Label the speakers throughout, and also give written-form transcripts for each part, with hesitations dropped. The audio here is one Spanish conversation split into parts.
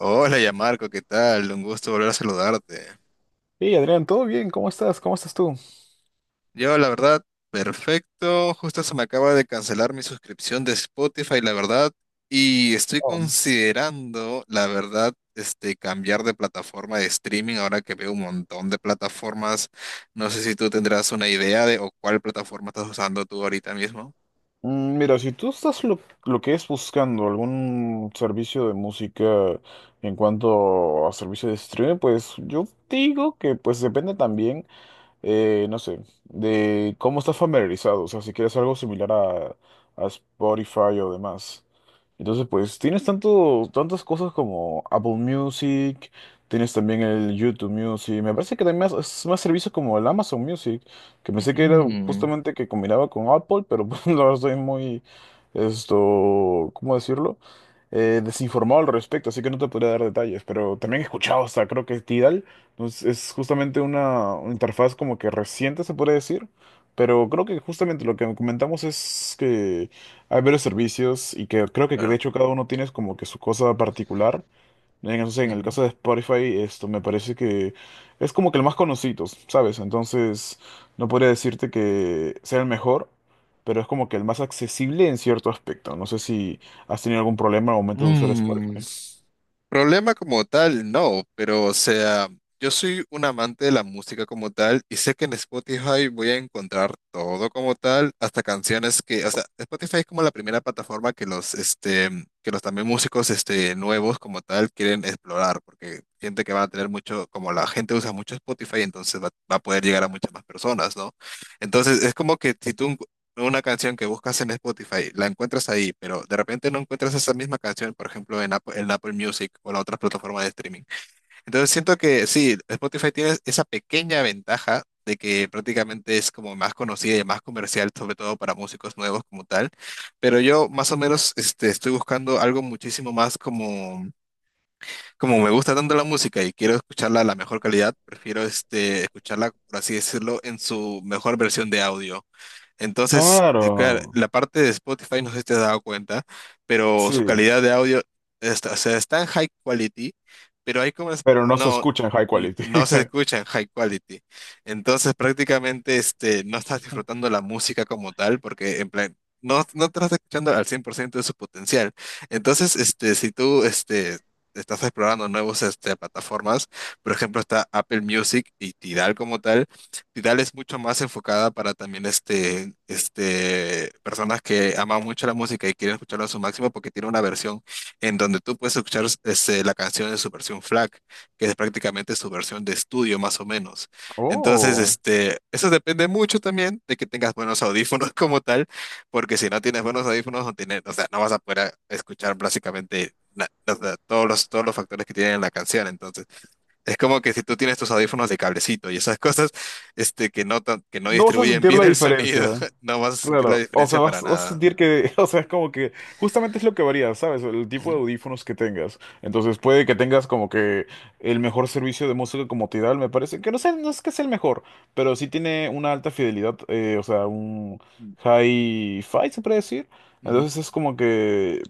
Speaker 1: Hola, Marco, ¿qué tal? Un gusto volver a saludarte.
Speaker 2: Hey Adrián, ¿todo bien? ¿Cómo estás? ¿Cómo estás tú?
Speaker 1: Yo, la verdad, perfecto. Justo se me acaba de cancelar mi suscripción de Spotify, la verdad, y estoy
Speaker 2: Oh.
Speaker 1: considerando, la verdad, cambiar de plataforma de streaming ahora que veo un montón de plataformas. No sé si tú tendrás una idea de o cuál plataforma estás usando tú ahorita mismo.
Speaker 2: Mira, si tú estás lo que es buscando algún servicio de música en cuanto a servicio de streaming, pues yo digo que pues depende también no sé, de cómo estás familiarizado, o sea, si quieres algo similar a Spotify o demás. Entonces, pues tienes tantas cosas como Apple Music, tienes también el YouTube Music, me parece que también más servicios como el Amazon Music, que pensé que era
Speaker 1: Mm,
Speaker 2: justamente que combinaba con Apple, pero pues, la verdad estoy ¿cómo decirlo? Desinformado al respecto, así que no te podría dar detalles, pero también he escuchado hasta creo que Tidal. Entonces, es justamente una interfaz como que reciente, se puede decir, pero creo que justamente lo que comentamos es que hay varios servicios y que creo que de
Speaker 1: claro.
Speaker 2: hecho cada uno tiene como que su cosa particular. Entonces, en el
Speaker 1: Ujú.
Speaker 2: caso de Spotify, esto me parece que es como que el más conocido, ¿sabes? Entonces, no podría decirte que sea el mejor, pero es como que el más accesible en cierto aspecto. No sé si has tenido algún problema al momento de usar
Speaker 1: Mm,
Speaker 2: Spotify.
Speaker 1: problema como tal, no, pero o sea, yo soy un amante de la música como tal y sé que en Spotify voy a encontrar todo como tal, hasta canciones que, o sea, Spotify es como la primera plataforma que los que los también músicos, nuevos como tal quieren explorar, porque siente que van a tener mucho, como la gente usa mucho Spotify, entonces va a poder llegar a muchas más personas, ¿no? Entonces es como que si tú una canción que buscas en Spotify, la encuentras ahí, pero de repente no encuentras esa misma canción, por ejemplo, en Apple Music o la otra plataforma de streaming. Entonces siento que sí, Spotify tiene esa pequeña ventaja de que prácticamente es como más conocida y más comercial, sobre todo para músicos nuevos como tal, pero yo más o menos estoy buscando algo muchísimo más como, como me gusta tanto la música y quiero escucharla a la mejor calidad, prefiero escucharla, por así decirlo, en su mejor versión de audio entonces, claro,
Speaker 2: Claro,
Speaker 1: la parte de Spotify, no sé si te has dado cuenta, pero su
Speaker 2: sí.
Speaker 1: calidad de audio está, o sea, está en high quality, pero hay como,
Speaker 2: Pero no se
Speaker 1: no,
Speaker 2: escucha en high quality.
Speaker 1: no se escucha en high quality. Entonces, prácticamente, no estás disfrutando la música como tal, porque en plan, no, no te estás escuchando al 100% de su potencial. Entonces, si tú estás explorando nuevos, plataformas, por ejemplo, está Apple Music y Tidal como tal, Tidal es mucho más enfocada para también este, personas que aman mucho la música y quieren escucharla a su máximo porque tiene una versión en donde tú puedes escuchar la canción en su versión FLAC, que es prácticamente su versión de estudio más o menos. Entonces,
Speaker 2: Oh.
Speaker 1: eso depende mucho también de que tengas buenos audífonos como tal, porque si no tienes buenos audífonos, no tienes, o sea, no vas a poder escuchar básicamente o sea, todos los factores que tienen en la canción. Entonces, es como que si tú tienes tus audífonos de cablecito y esas cosas, que no, que no
Speaker 2: No vas a
Speaker 1: distribuyen
Speaker 2: sentir
Speaker 1: bien
Speaker 2: la
Speaker 1: el sonido,
Speaker 2: diferencia.
Speaker 1: no vas a sentir la
Speaker 2: Claro, o sea,
Speaker 1: diferencia para
Speaker 2: vas a
Speaker 1: nada.
Speaker 2: sentir que, o sea, es como que justamente es lo que varía, ¿sabes? El tipo
Speaker 1: Ujú.
Speaker 2: de audífonos que tengas. Entonces puede que tengas como que el mejor servicio de música como Tidal, me parece, que no sé, no es que sea el mejor, pero sí tiene una alta fidelidad, o sea, un
Speaker 1: Mm,
Speaker 2: hi-fi, se puede decir.
Speaker 1: ujú.
Speaker 2: Entonces es como que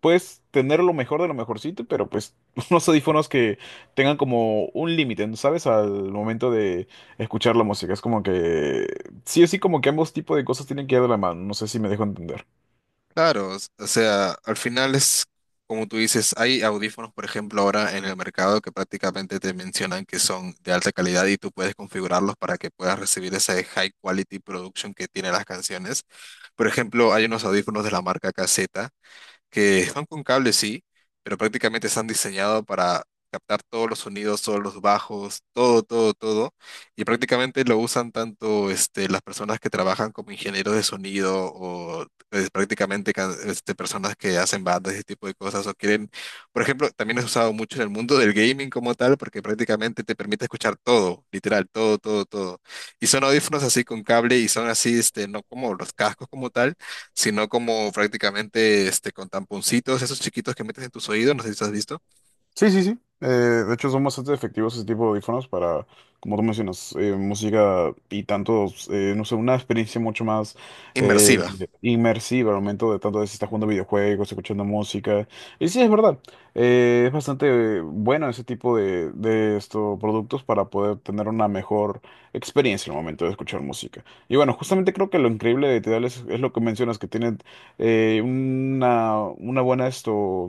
Speaker 2: puedes tener lo mejor de lo mejorcito, pero pues unos audífonos que tengan como un límite, ¿no? ¿Sabes? Al momento de escuchar la música. Es como que sí o sí como que ambos tipos de cosas tienen que ir de la mano, no sé si me dejo entender.
Speaker 1: Claro, o sea, al final es como tú dices, hay audífonos, por ejemplo, ahora en el mercado que prácticamente te mencionan que son de alta calidad y tú puedes configurarlos para que puedas recibir ese high quality production que tienen las canciones. Por ejemplo, hay unos audífonos de la marca KZ que son con cable, sí, pero prácticamente están diseñados para captar todos los sonidos, todos los bajos, todo, todo, todo. Y prácticamente lo usan tanto las personas que trabajan como ingenieros de sonido o pues, prácticamente personas que hacen bandas, ese tipo de cosas, o quieren, por ejemplo, también es usado mucho en el mundo del gaming como tal, porque prácticamente te permite escuchar todo, literal, todo, todo, todo. Y son audífonos así con cable y son así, no como los cascos como tal sino como prácticamente con tamponcitos, esos chiquitos que metes en tus oídos, no sé si has visto.
Speaker 2: Sí, sí, sí. De hecho, son bastante efectivos ese tipo de audífonos para, como tú mencionas, música y tanto, no sé, una experiencia mucho más eh,
Speaker 1: Inmersiva,
Speaker 2: inmersiva al momento de tanto de si estás jugando videojuegos, escuchando música. Y sí, es verdad. Es bastante bueno ese tipo de estos productos para poder tener una mejor experiencia al momento de escuchar música. Y bueno, justamente creo que lo increíble de Tidal es lo que mencionas, que tienen una buena esto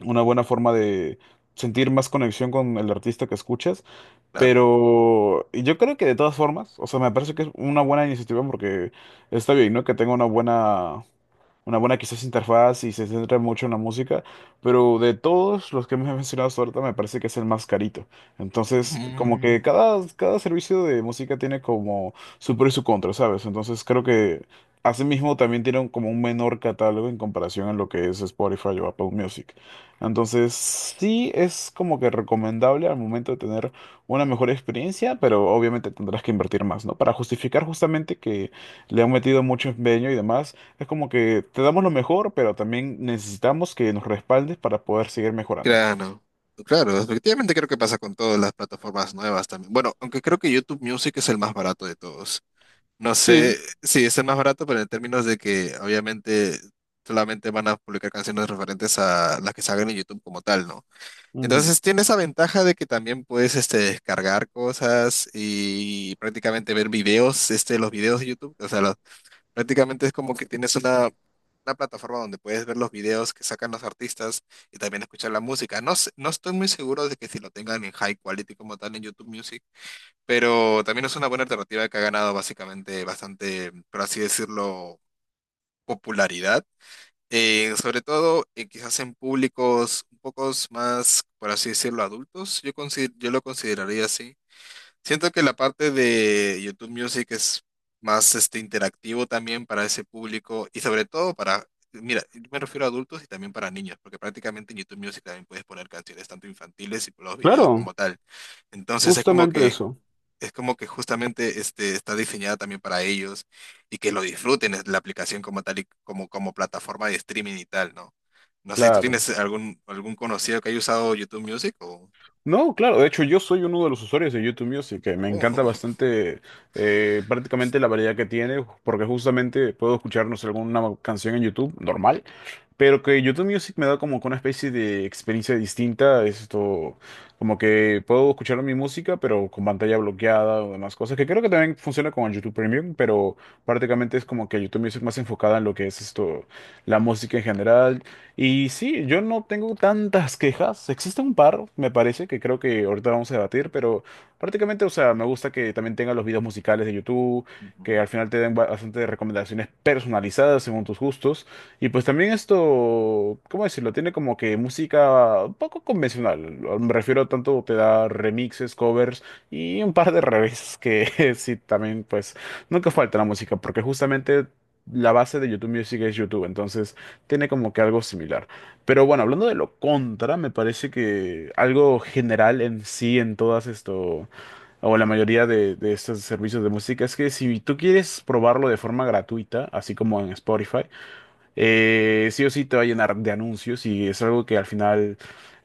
Speaker 2: una buena forma de sentir más conexión con el artista que escuchas.
Speaker 1: claro.
Speaker 2: Pero yo creo que de todas formas, o sea, me parece que es una buena iniciativa porque está bien, ¿no? Que tenga una buena quizás interfaz y se centra mucho en la música, pero de todos los que me has mencionado hasta ahorita me parece que es el más carito. Entonces, como
Speaker 1: Mm,
Speaker 2: que cada servicio de música tiene como su pro y su contra, ¿sabes? Entonces creo que asimismo también tiene como un menor catálogo en comparación a lo que es Spotify o Apple Music. Entonces, sí es como que recomendable al momento de tener una mejor experiencia, pero obviamente tendrás que invertir más, ¿no? Para justificar justamente que le han metido mucho empeño y demás. Es como que te damos lo mejor, pero también necesitamos que nos respaldes para poder seguir mejorando.
Speaker 1: claro, claro, efectivamente creo que pasa con todas las plataformas nuevas también. Bueno, aunque creo que YouTube Music es el más barato de todos. No
Speaker 2: Sí,
Speaker 1: sé, sí, es el más barato, pero en términos de que obviamente solamente van a publicar canciones referentes a las que salgan en YouTube como tal, ¿no?
Speaker 2: ujú.
Speaker 1: Entonces tiene esa ventaja de que también puedes descargar cosas y prácticamente ver videos, los videos de YouTube. O sea, prácticamente es como que tienes una plataforma donde puedes ver los videos que sacan los artistas y también escuchar la música. No, no estoy muy seguro de que si lo tengan en high quality como tal en YouTube Music, pero también es una buena alternativa que ha ganado básicamente bastante, por así decirlo, popularidad sobre todo, quizás en públicos un poco más, por así decirlo, adultos, yo lo consideraría así. Siento que la parte de YouTube Music es más interactivo también para ese público y sobre todo para, mira, yo me refiero a adultos y también para niños, porque prácticamente en YouTube Music también puedes poner canciones tanto infantiles y los videos
Speaker 2: Claro,
Speaker 1: como tal. Entonces es como
Speaker 2: justamente
Speaker 1: que
Speaker 2: eso,
Speaker 1: es como que justamente está diseñada también para ellos y que lo disfruten es la aplicación como tal y como, como plataforma de streaming y tal, ¿no? No sé si tú
Speaker 2: claro.
Speaker 1: tienes algún conocido que haya usado YouTube Music o...
Speaker 2: No, claro, de hecho yo soy uno de los usuarios de YouTube Music, que me
Speaker 1: o-
Speaker 2: encanta bastante prácticamente la variedad que tiene, porque justamente puedo escucharnos alguna canción en YouTube normal, pero que YouTube Music me da como que una especie de experiencia distinta, esto como que puedo escuchar mi música, pero con pantalla bloqueada o demás cosas, que creo que también funciona con el YouTube Premium, pero prácticamente es como que YouTube Music más enfocada en lo que es la música en general. Y sí, yo no tengo tantas quejas. Existe un par, me parece, que creo que ahorita vamos a debatir, pero prácticamente, o sea, me gusta que también tenga los videos musicales de YouTube,
Speaker 1: Ujú.
Speaker 2: que al final te den bastante recomendaciones personalizadas según tus gustos. Y pues también ¿cómo decirlo? Tiene como que música un poco convencional. Me refiero tanto te da remixes, covers y un par de revés que sí, también pues nunca falta la música, porque justamente la base de YouTube Music es YouTube, entonces tiene como que algo similar. Pero bueno, hablando de lo contra, me parece que algo general en sí, en todas o la mayoría de estos servicios de música, es que si tú quieres probarlo de forma gratuita, así como en Spotify, sí o sí te va a llenar de anuncios y es algo que al final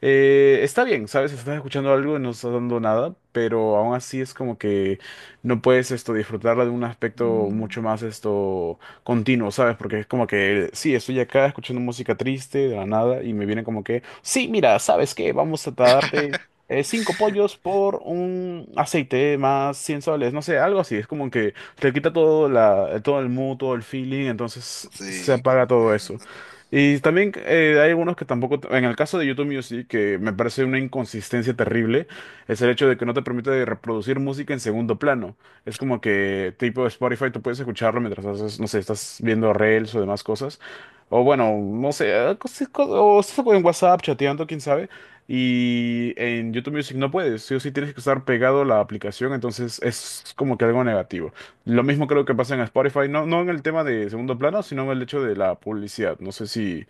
Speaker 2: está bien, ¿sabes? Si estás escuchando algo y no estás dando nada, pero aún así es como que no puedes esto disfrutarla de un aspecto
Speaker 1: Mm,
Speaker 2: mucho más esto continuo, ¿sabes? Porque es como que sí, estoy acá escuchando música triste de la nada y me viene como que, sí, mira, ¿sabes qué? Vamos a darte 5 pollos por un aceite más 100 soles, no sé, algo así, es como que te quita todo, todo el mood, todo el feeling, entonces se
Speaker 1: sí,
Speaker 2: apaga todo eso.
Speaker 1: comprendo.
Speaker 2: Y también hay algunos que tampoco, en el caso de YouTube Music, que me parece una inconsistencia terrible, es el hecho de que no te permite reproducir música en segundo plano. Es como que tipo Spotify, tú puedes escucharlo mientras haces, no sé, estás viendo reels o demás cosas. O bueno, no sé, o estás en WhatsApp chateando, quién sabe. Y en YouTube Music no puedes, sí o sí tienes que estar pegado a la aplicación, entonces es como que algo negativo. Lo mismo creo que pasa en Spotify, no en el tema de segundo plano, sino en el hecho de la publicidad. No sé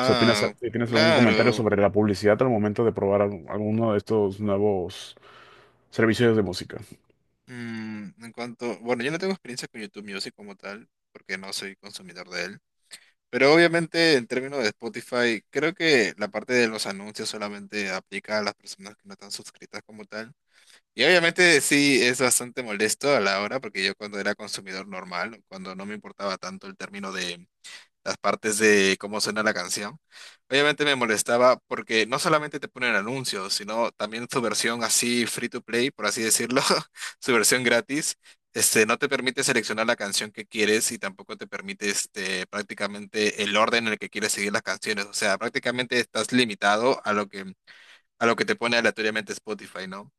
Speaker 2: si opinas, si tienes algún comentario
Speaker 1: claro.
Speaker 2: sobre la publicidad al momento de probar alguno de estos nuevos servicios de música.
Speaker 1: Mm, en cuanto, bueno, yo no tengo experiencia con YouTube Music como tal, porque no soy consumidor de él. Pero obviamente en términos de Spotify, creo que la parte de los anuncios solamente aplica a las personas que no están suscritas como tal. Y obviamente sí es bastante molesto a la hora, porque yo cuando era consumidor normal, cuando no me importaba tanto el término de las partes de cómo suena la canción. Obviamente me molestaba porque no solamente te ponen anuncios, sino también su versión así free to play, por así decirlo, su versión gratis, no te permite seleccionar la canción que quieres y tampoco te permite prácticamente el orden en el que quieres seguir las canciones. O sea, prácticamente estás limitado a lo que te pone aleatoriamente Spotify, ¿no?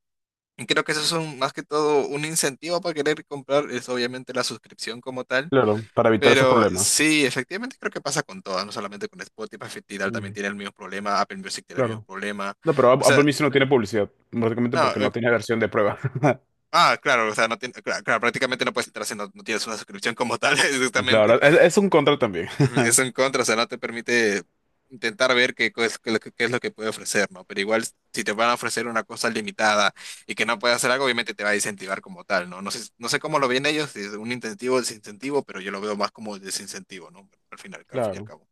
Speaker 1: Y creo que eso es más que todo un incentivo para querer comprar, es obviamente la suscripción como tal
Speaker 2: Claro, para evitar esos
Speaker 1: pero
Speaker 2: problemas.
Speaker 1: sí, efectivamente creo que pasa con todas, no solamente con Spotify, Tidal también
Speaker 2: Ujú,
Speaker 1: tiene el mismo problema, Apple Music tiene el mismo
Speaker 2: claro.
Speaker 1: problema.
Speaker 2: No, pero
Speaker 1: O
Speaker 2: Apple
Speaker 1: sea,
Speaker 2: Music no tiene publicidad, básicamente
Speaker 1: no,
Speaker 2: porque no tiene versión de prueba.
Speaker 1: ah, claro, o sea, no tiene, claro, prácticamente no puedes entrar si no, no tienes una suscripción como tal, exactamente.
Speaker 2: Claro, es un contra también.
Speaker 1: Ujú, es un contra, o sea, no te permite intentar ver qué, es lo que qué es lo que puede ofrecer, ¿no? Pero igual, si te van a ofrecer una cosa limitada y que no puedes hacer algo, obviamente te va a incentivar como tal, ¿no? No sé, no sé cómo lo ven ellos, si es un incentivo o desincentivo, pero yo lo veo más como desincentivo, ¿no? Al final, al fin y al
Speaker 2: Claro.
Speaker 1: cabo.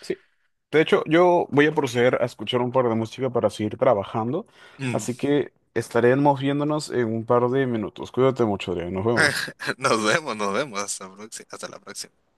Speaker 2: Sí. De hecho, yo voy a proceder a escuchar un par de música para seguir trabajando, así que estaremos viéndonos en un par de minutos. Cuídate mucho, Adrián. Nos vemos.
Speaker 1: Nos vemos, nos vemos. Hasta, hasta la próxima.